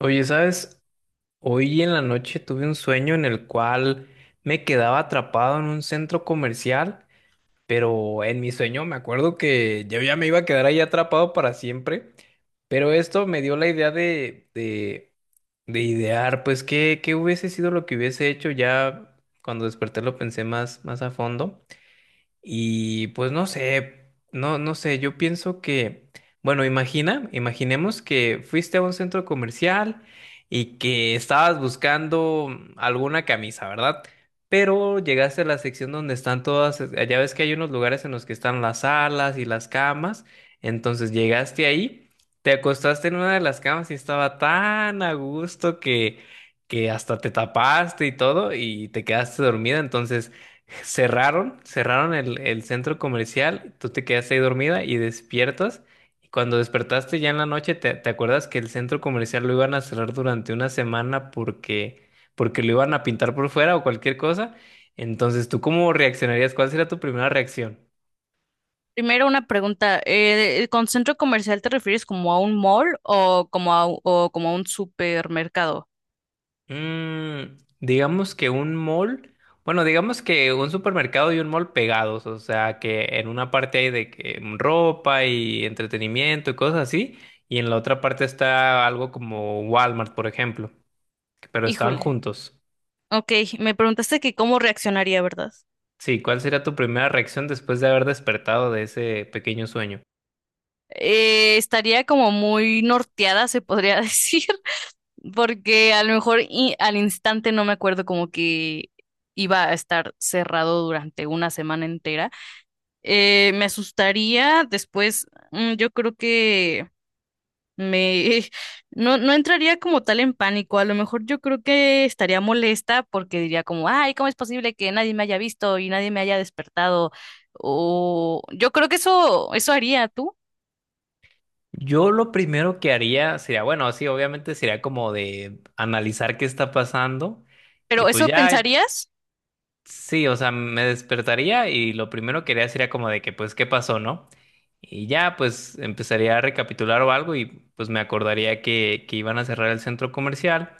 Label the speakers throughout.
Speaker 1: Oye, ¿sabes? Hoy en la noche tuve un sueño en el cual me quedaba atrapado en un centro comercial, pero en mi sueño me acuerdo que yo ya me iba a quedar ahí atrapado para siempre, pero esto me dio la idea de idear, pues, qué hubiese sido lo que hubiese hecho. Ya cuando desperté lo pensé más, más a fondo. Y pues no sé, no sé, yo pienso que, bueno, imaginemos que fuiste a un centro comercial y que estabas buscando alguna camisa, ¿verdad? Pero llegaste a la sección donde están todas, ya ves que hay unos lugares en los que están las salas y las camas, entonces llegaste ahí, te acostaste en una de las camas y estaba tan a gusto que hasta te tapaste y todo y te quedaste dormida, entonces cerraron el centro comercial, tú te quedaste ahí dormida y despiertas. Y cuando despertaste ya en la noche, te acuerdas que el centro comercial lo iban a cerrar durante una semana porque, porque lo iban a pintar por fuera o cualquier cosa. Entonces, ¿tú cómo reaccionarías? ¿Cuál sería tu primera reacción?
Speaker 2: Primero una pregunta, ¿con centro comercial te refieres como a un mall o como o como a un supermercado?
Speaker 1: Mm, digamos que un mall, bueno, digamos que un supermercado y un mall pegados, o sea, que en una parte hay de que ropa y entretenimiento y cosas así, y en la otra parte está algo como Walmart, por ejemplo, pero están
Speaker 2: Híjole,
Speaker 1: juntos.
Speaker 2: ok, me preguntaste que cómo reaccionaría, ¿verdad?
Speaker 1: Sí, ¿cuál sería tu primera reacción después de haber despertado de ese pequeño sueño?
Speaker 2: Estaría como muy norteada, se podría decir, porque a lo mejor al instante no me acuerdo como que iba a estar cerrado durante una semana entera. Me asustaría, después yo creo que... Me no entraría como tal en pánico. A lo mejor yo creo que estaría molesta porque diría como, ay, ¿cómo es posible que nadie me haya visto y nadie me haya despertado? O yo creo que eso haría tú,
Speaker 1: Yo lo primero que haría sería, bueno, sí, obviamente sería como de analizar qué está pasando. Y
Speaker 2: pero
Speaker 1: pues
Speaker 2: eso
Speaker 1: ya,
Speaker 2: pensarías.
Speaker 1: sí, o sea, me despertaría y lo primero que haría sería como de que, pues, ¿qué pasó, no? Y ya, pues, empezaría a recapitular o algo, y pues me acordaría que iban a cerrar el centro comercial,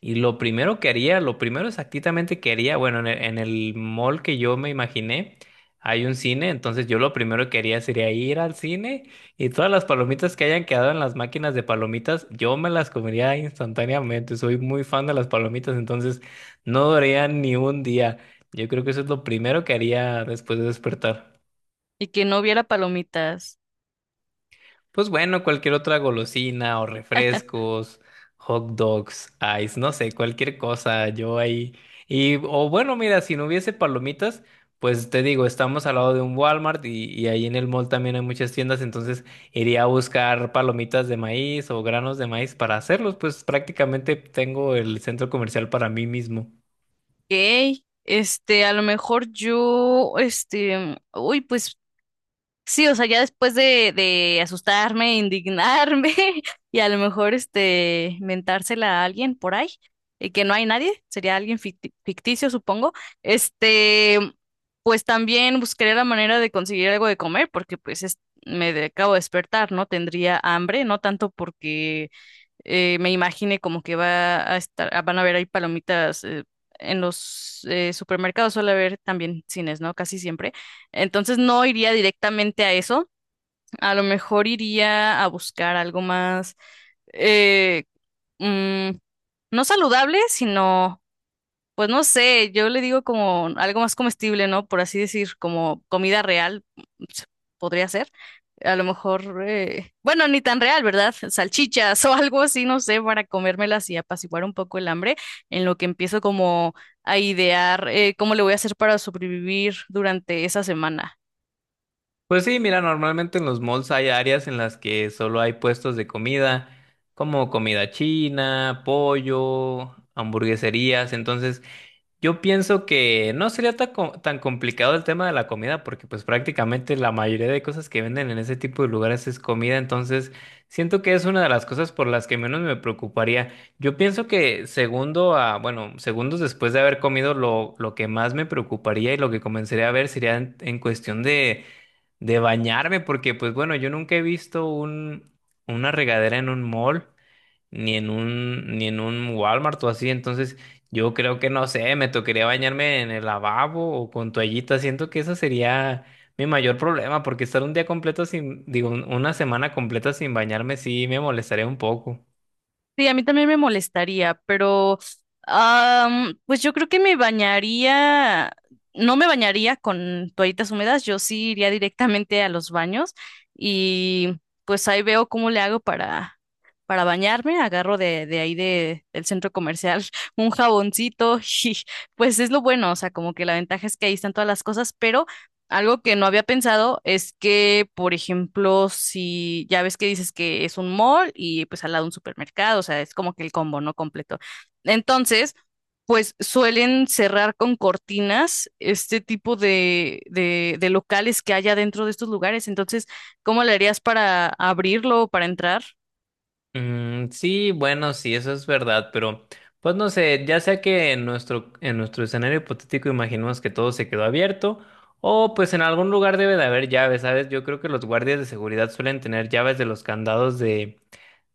Speaker 1: y lo primero que haría, lo primero exactamente que haría, bueno, en el mall que yo me imaginé, hay un cine. Entonces yo lo primero que haría sería ir al cine, y todas las palomitas que hayan quedado en las máquinas de palomitas, yo me las comería instantáneamente. Soy muy fan de las palomitas, entonces no duraría ni un día. Yo creo que eso es lo primero que haría después de despertar.
Speaker 2: Y que no hubiera palomitas.
Speaker 1: Pues bueno, cualquier otra golosina o refrescos, hot dogs, ice, no sé, cualquier cosa, yo ahí. Y, o bueno, mira, si no hubiese palomitas, pues te digo, estamos al lado de un Walmart y ahí en el mall también hay muchas tiendas, entonces iría a buscar palomitas de maíz o granos de maíz para hacerlos. Pues prácticamente tengo el centro comercial para mí mismo.
Speaker 2: Ok, este, a lo mejor yo, este, uy, pues sí, o sea, ya después de asustarme, indignarme y a lo mejor este mentársela a alguien por ahí, y que no hay nadie, sería alguien ficticio, supongo. Este, pues también buscaré la manera de conseguir algo de comer, porque pues acabo de despertar, ¿no? Tendría hambre, no tanto porque me imagine como que va a estar, ah, van a haber ahí palomitas en los supermercados, suele haber también cines, ¿no? Casi siempre. Entonces no iría directamente a eso. A lo mejor iría a buscar algo más, eh, mm, no saludable, sino, pues no sé, yo le digo como algo más comestible, ¿no? Por así decir, como comida real, se- podría ser. A lo mejor, bueno, ni tan real, ¿verdad? Salchichas o algo así, no sé, para comérmelas y apaciguar un poco el hambre, en lo que empiezo como a idear cómo le voy a hacer para sobrevivir durante esa semana.
Speaker 1: Pues sí, mira, normalmente en los malls hay áreas en las que solo hay puestos de comida, como comida china, pollo, hamburgueserías. Entonces, yo pienso que no sería tan, co- tan complicado el tema de la comida, porque pues prácticamente la mayoría de cosas que venden en ese tipo de lugares es comida. Entonces, siento que es una de las cosas por las que menos me preocuparía. Yo pienso que segundo a, bueno, segundos después de haber comido, lo que más me preocuparía y lo que comenzaría a ver sería en cuestión de bañarme, porque pues bueno, yo nunca he visto un, una regadera en un mall, ni en un, ni en un Walmart o así. Entonces yo creo que no sé, me tocaría bañarme en el lavabo o con toallita. Siento que eso sería mi mayor problema, porque estar un día completo sin, digo, un- una semana completa sin bañarme sí me molestaría un poco.
Speaker 2: Sí, a mí también me molestaría, pero am, pues yo creo que me bañaría, no me bañaría con toallitas húmedas, yo sí iría directamente a los baños y pues ahí veo cómo le hago para bañarme, agarro de ahí del centro comercial un jaboncito y pues es lo bueno, o sea, como que la ventaja es que ahí están todas las cosas, pero... Algo que no había pensado es que, por ejemplo, si ya ves que dices que es un mall y pues al lado un supermercado, o sea, es como que el combo, ¿no? Completo. Entonces, pues suelen cerrar con cortinas este tipo de locales que haya dentro de estos lugares. Entonces, ¿cómo le harías para abrirlo, para entrar?
Speaker 1: Mm, sí, bueno, sí, eso es verdad, pero pues no sé, ya sea que en nuestro escenario hipotético imaginemos que todo se quedó abierto, o pues en algún lugar debe de haber llaves, ¿sabes? Yo creo que los guardias de seguridad suelen tener llaves de los candados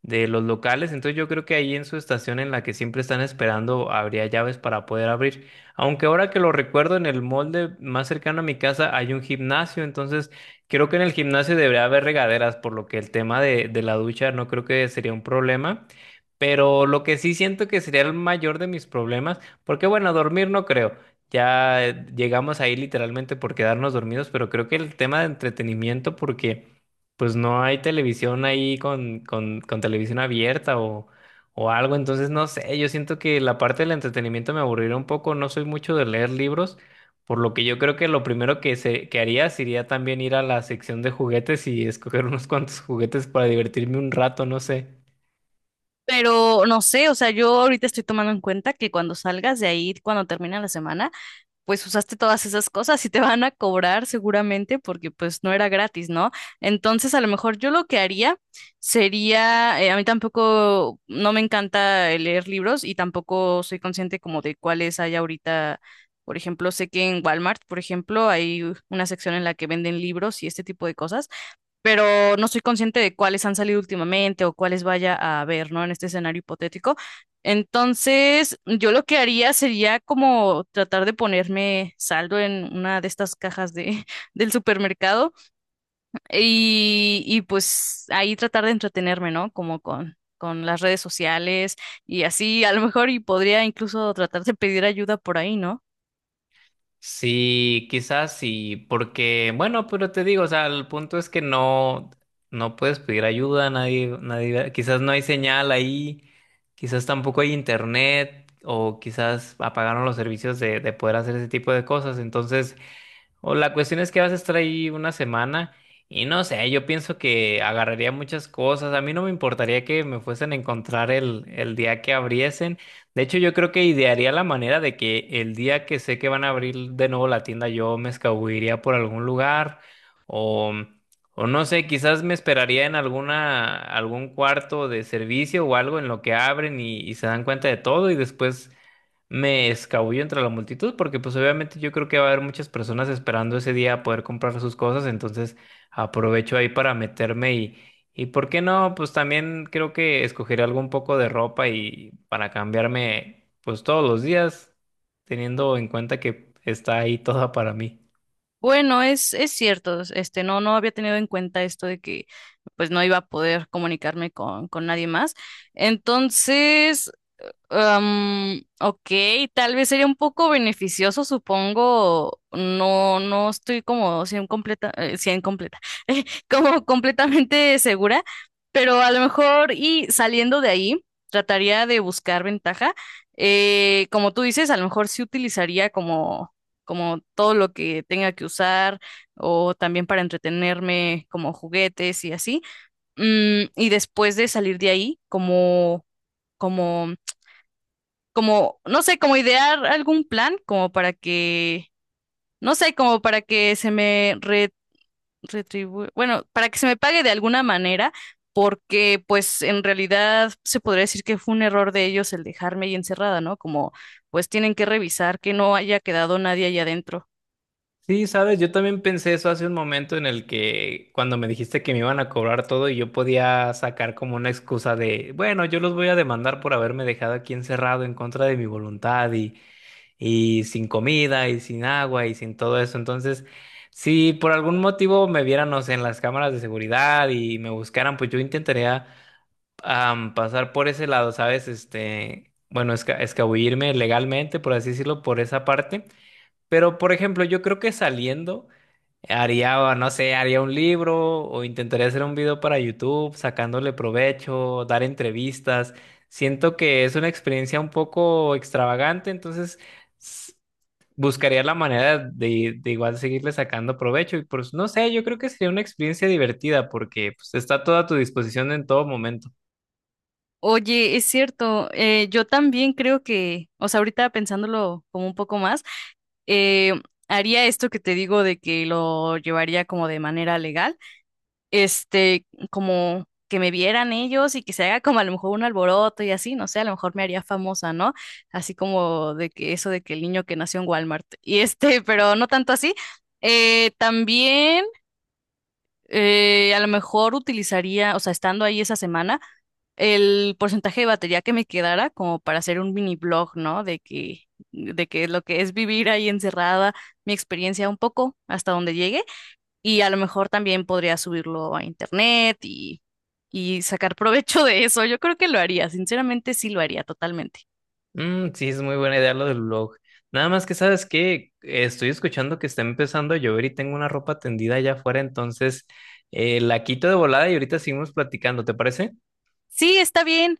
Speaker 1: de los locales. Entonces yo creo que ahí en su estación en la que siempre están esperando habría llaves para poder abrir. Aunque ahora que lo recuerdo, en el molde más cercano a mi casa hay un gimnasio, entonces creo que en el gimnasio debería haber regaderas, por lo que el tema de la ducha no creo que sería un problema. Pero lo que sí siento que sería el mayor de mis problemas, porque bueno, dormir no creo. Ya llegamos ahí literalmente por quedarnos dormidos, pero creo que el tema de entretenimiento, porque pues no hay televisión ahí con, con televisión abierta o algo. Entonces no sé, yo siento que la parte del entretenimiento me aburrirá un poco, no soy mucho de leer libros, por lo que yo creo que lo primero que, se, que haría sería también ir a la sección de juguetes y escoger unos cuantos juguetes para divertirme un rato, no sé.
Speaker 2: Pero no sé, o sea, yo ahorita estoy tomando en cuenta que cuando salgas de ahí, cuando termina la semana, pues usaste todas esas cosas y te van a cobrar seguramente porque pues no era gratis, ¿no? Entonces a lo mejor yo lo que haría sería, a mí tampoco, no me encanta el leer libros y tampoco soy consciente como de cuáles hay ahorita. Por ejemplo, sé que en Walmart, por ejemplo, hay una sección en la que venden libros y este tipo de cosas, pero no soy consciente de cuáles han salido últimamente o cuáles vaya a haber, ¿no? En este escenario hipotético. Entonces, yo lo que haría sería como tratar de ponerme saldo en una de estas cajas de, del supermercado y pues ahí tratar de entretenerme, ¿no? Como con las redes sociales y así, a lo mejor, y podría incluso tratar de pedir ayuda por ahí, ¿no?
Speaker 1: Sí, quizás sí, porque, bueno, pero te digo, o sea, el punto es que no, no puedes pedir ayuda, nadie, nadie, quizás no hay señal ahí, quizás tampoco hay internet, o quizás apagaron los servicios de poder hacer ese tipo de cosas. Entonces, o la cuestión es que vas a estar ahí una semana, y no sé, yo pienso que agarraría muchas cosas. A mí no me importaría que me fuesen a encontrar el día que abriesen. De hecho, yo creo que idearía la manera de que el día que sé que van a abrir de nuevo la tienda, yo me escabulliría por algún lugar o, o no sé, quizás me esperaría en alguna, algún cuarto de servicio o algo en lo que abren y se dan cuenta de todo, y después me escabullo entre la multitud, porque pues obviamente yo creo que va a haber muchas personas esperando ese día a poder comprar sus cosas, entonces aprovecho ahí para meterme. Y, y ¿por qué no? Pues también creo que escogeré algo un poco de ropa y para cambiarme pues todos los días, teniendo en cuenta que está ahí toda para mí.
Speaker 2: Bueno, es cierto, este, no había tenido en cuenta esto de que pues no iba a poder comunicarme con nadie más. Entonces, am, ok, tal vez sería un poco beneficioso, supongo. No, no estoy como 100 completa, 100 completa, eh, como completamente segura, pero a lo mejor y saliendo de ahí, trataría de buscar ventaja. Como tú dices, a lo mejor sí utilizaría como, como todo lo que tenga que usar o también para entretenerme, como juguetes y así. Mm, y después de salir de ahí, como... como como, no sé, como idear algún plan como para que, no sé, como para que se me bueno, para que se me pague de alguna manera, porque pues en realidad se podría decir que fue un error de ellos el dejarme ahí encerrada, ¿no? Como pues tienen que revisar que no haya quedado nadie allá adentro.
Speaker 1: Sí, sabes, yo también pensé eso hace un momento en el que cuando me dijiste que me iban a cobrar todo, y yo podía sacar como una excusa de, bueno, yo los voy a demandar por haberme dejado aquí encerrado en contra de mi voluntad y sin comida y sin agua y sin todo eso. Entonces, si por algún motivo me vieran, no sé, en las cámaras de seguridad y me buscaran, pues yo intentaría pasar por ese lado, ¿sabes? Este, bueno, esca- escabullirme legalmente, por así decirlo, por esa parte. Pero, por ejemplo, yo creo que saliendo... Haría, no sé, haría un libro o intentaría hacer un video para YouTube, sacándole provecho, dar entrevistas. Siento que es una experiencia un poco extravagante, entonces s- buscaría la manera de igual seguirle sacando provecho. Y pues no sé, yo creo que sería una experiencia divertida, porque pues, está toda a tu disposición en todo momento.
Speaker 2: Oye, es cierto, yo también creo que, o sea, ahorita pensándolo como un poco más, eh, haría esto que te digo de que lo llevaría como de manera legal. Este, como que me vieran ellos y que se haga como a lo mejor un alboroto y así, no sé, a lo mejor me haría famosa, ¿no? Así como de que eso de que el niño que nació en Walmart y este, pero no tanto así. También a lo mejor utilizaría, o sea, estando ahí esa semana, el porcentaje de batería que me quedara como para hacer un mini blog, ¿no? De que lo que es vivir ahí encerrada, mi experiencia un poco hasta donde llegue y a lo mejor también podría subirlo a internet y sacar provecho de eso. Yo creo que lo haría, sinceramente sí lo haría totalmente.
Speaker 1: Mm, sí, es muy buena idea lo del blog. Nada más que sabes que estoy escuchando que está empezando a llover y tengo una ropa tendida allá afuera, entonces la quito de volada y ahorita seguimos platicando, ¿te parece?
Speaker 2: Sí, está bien.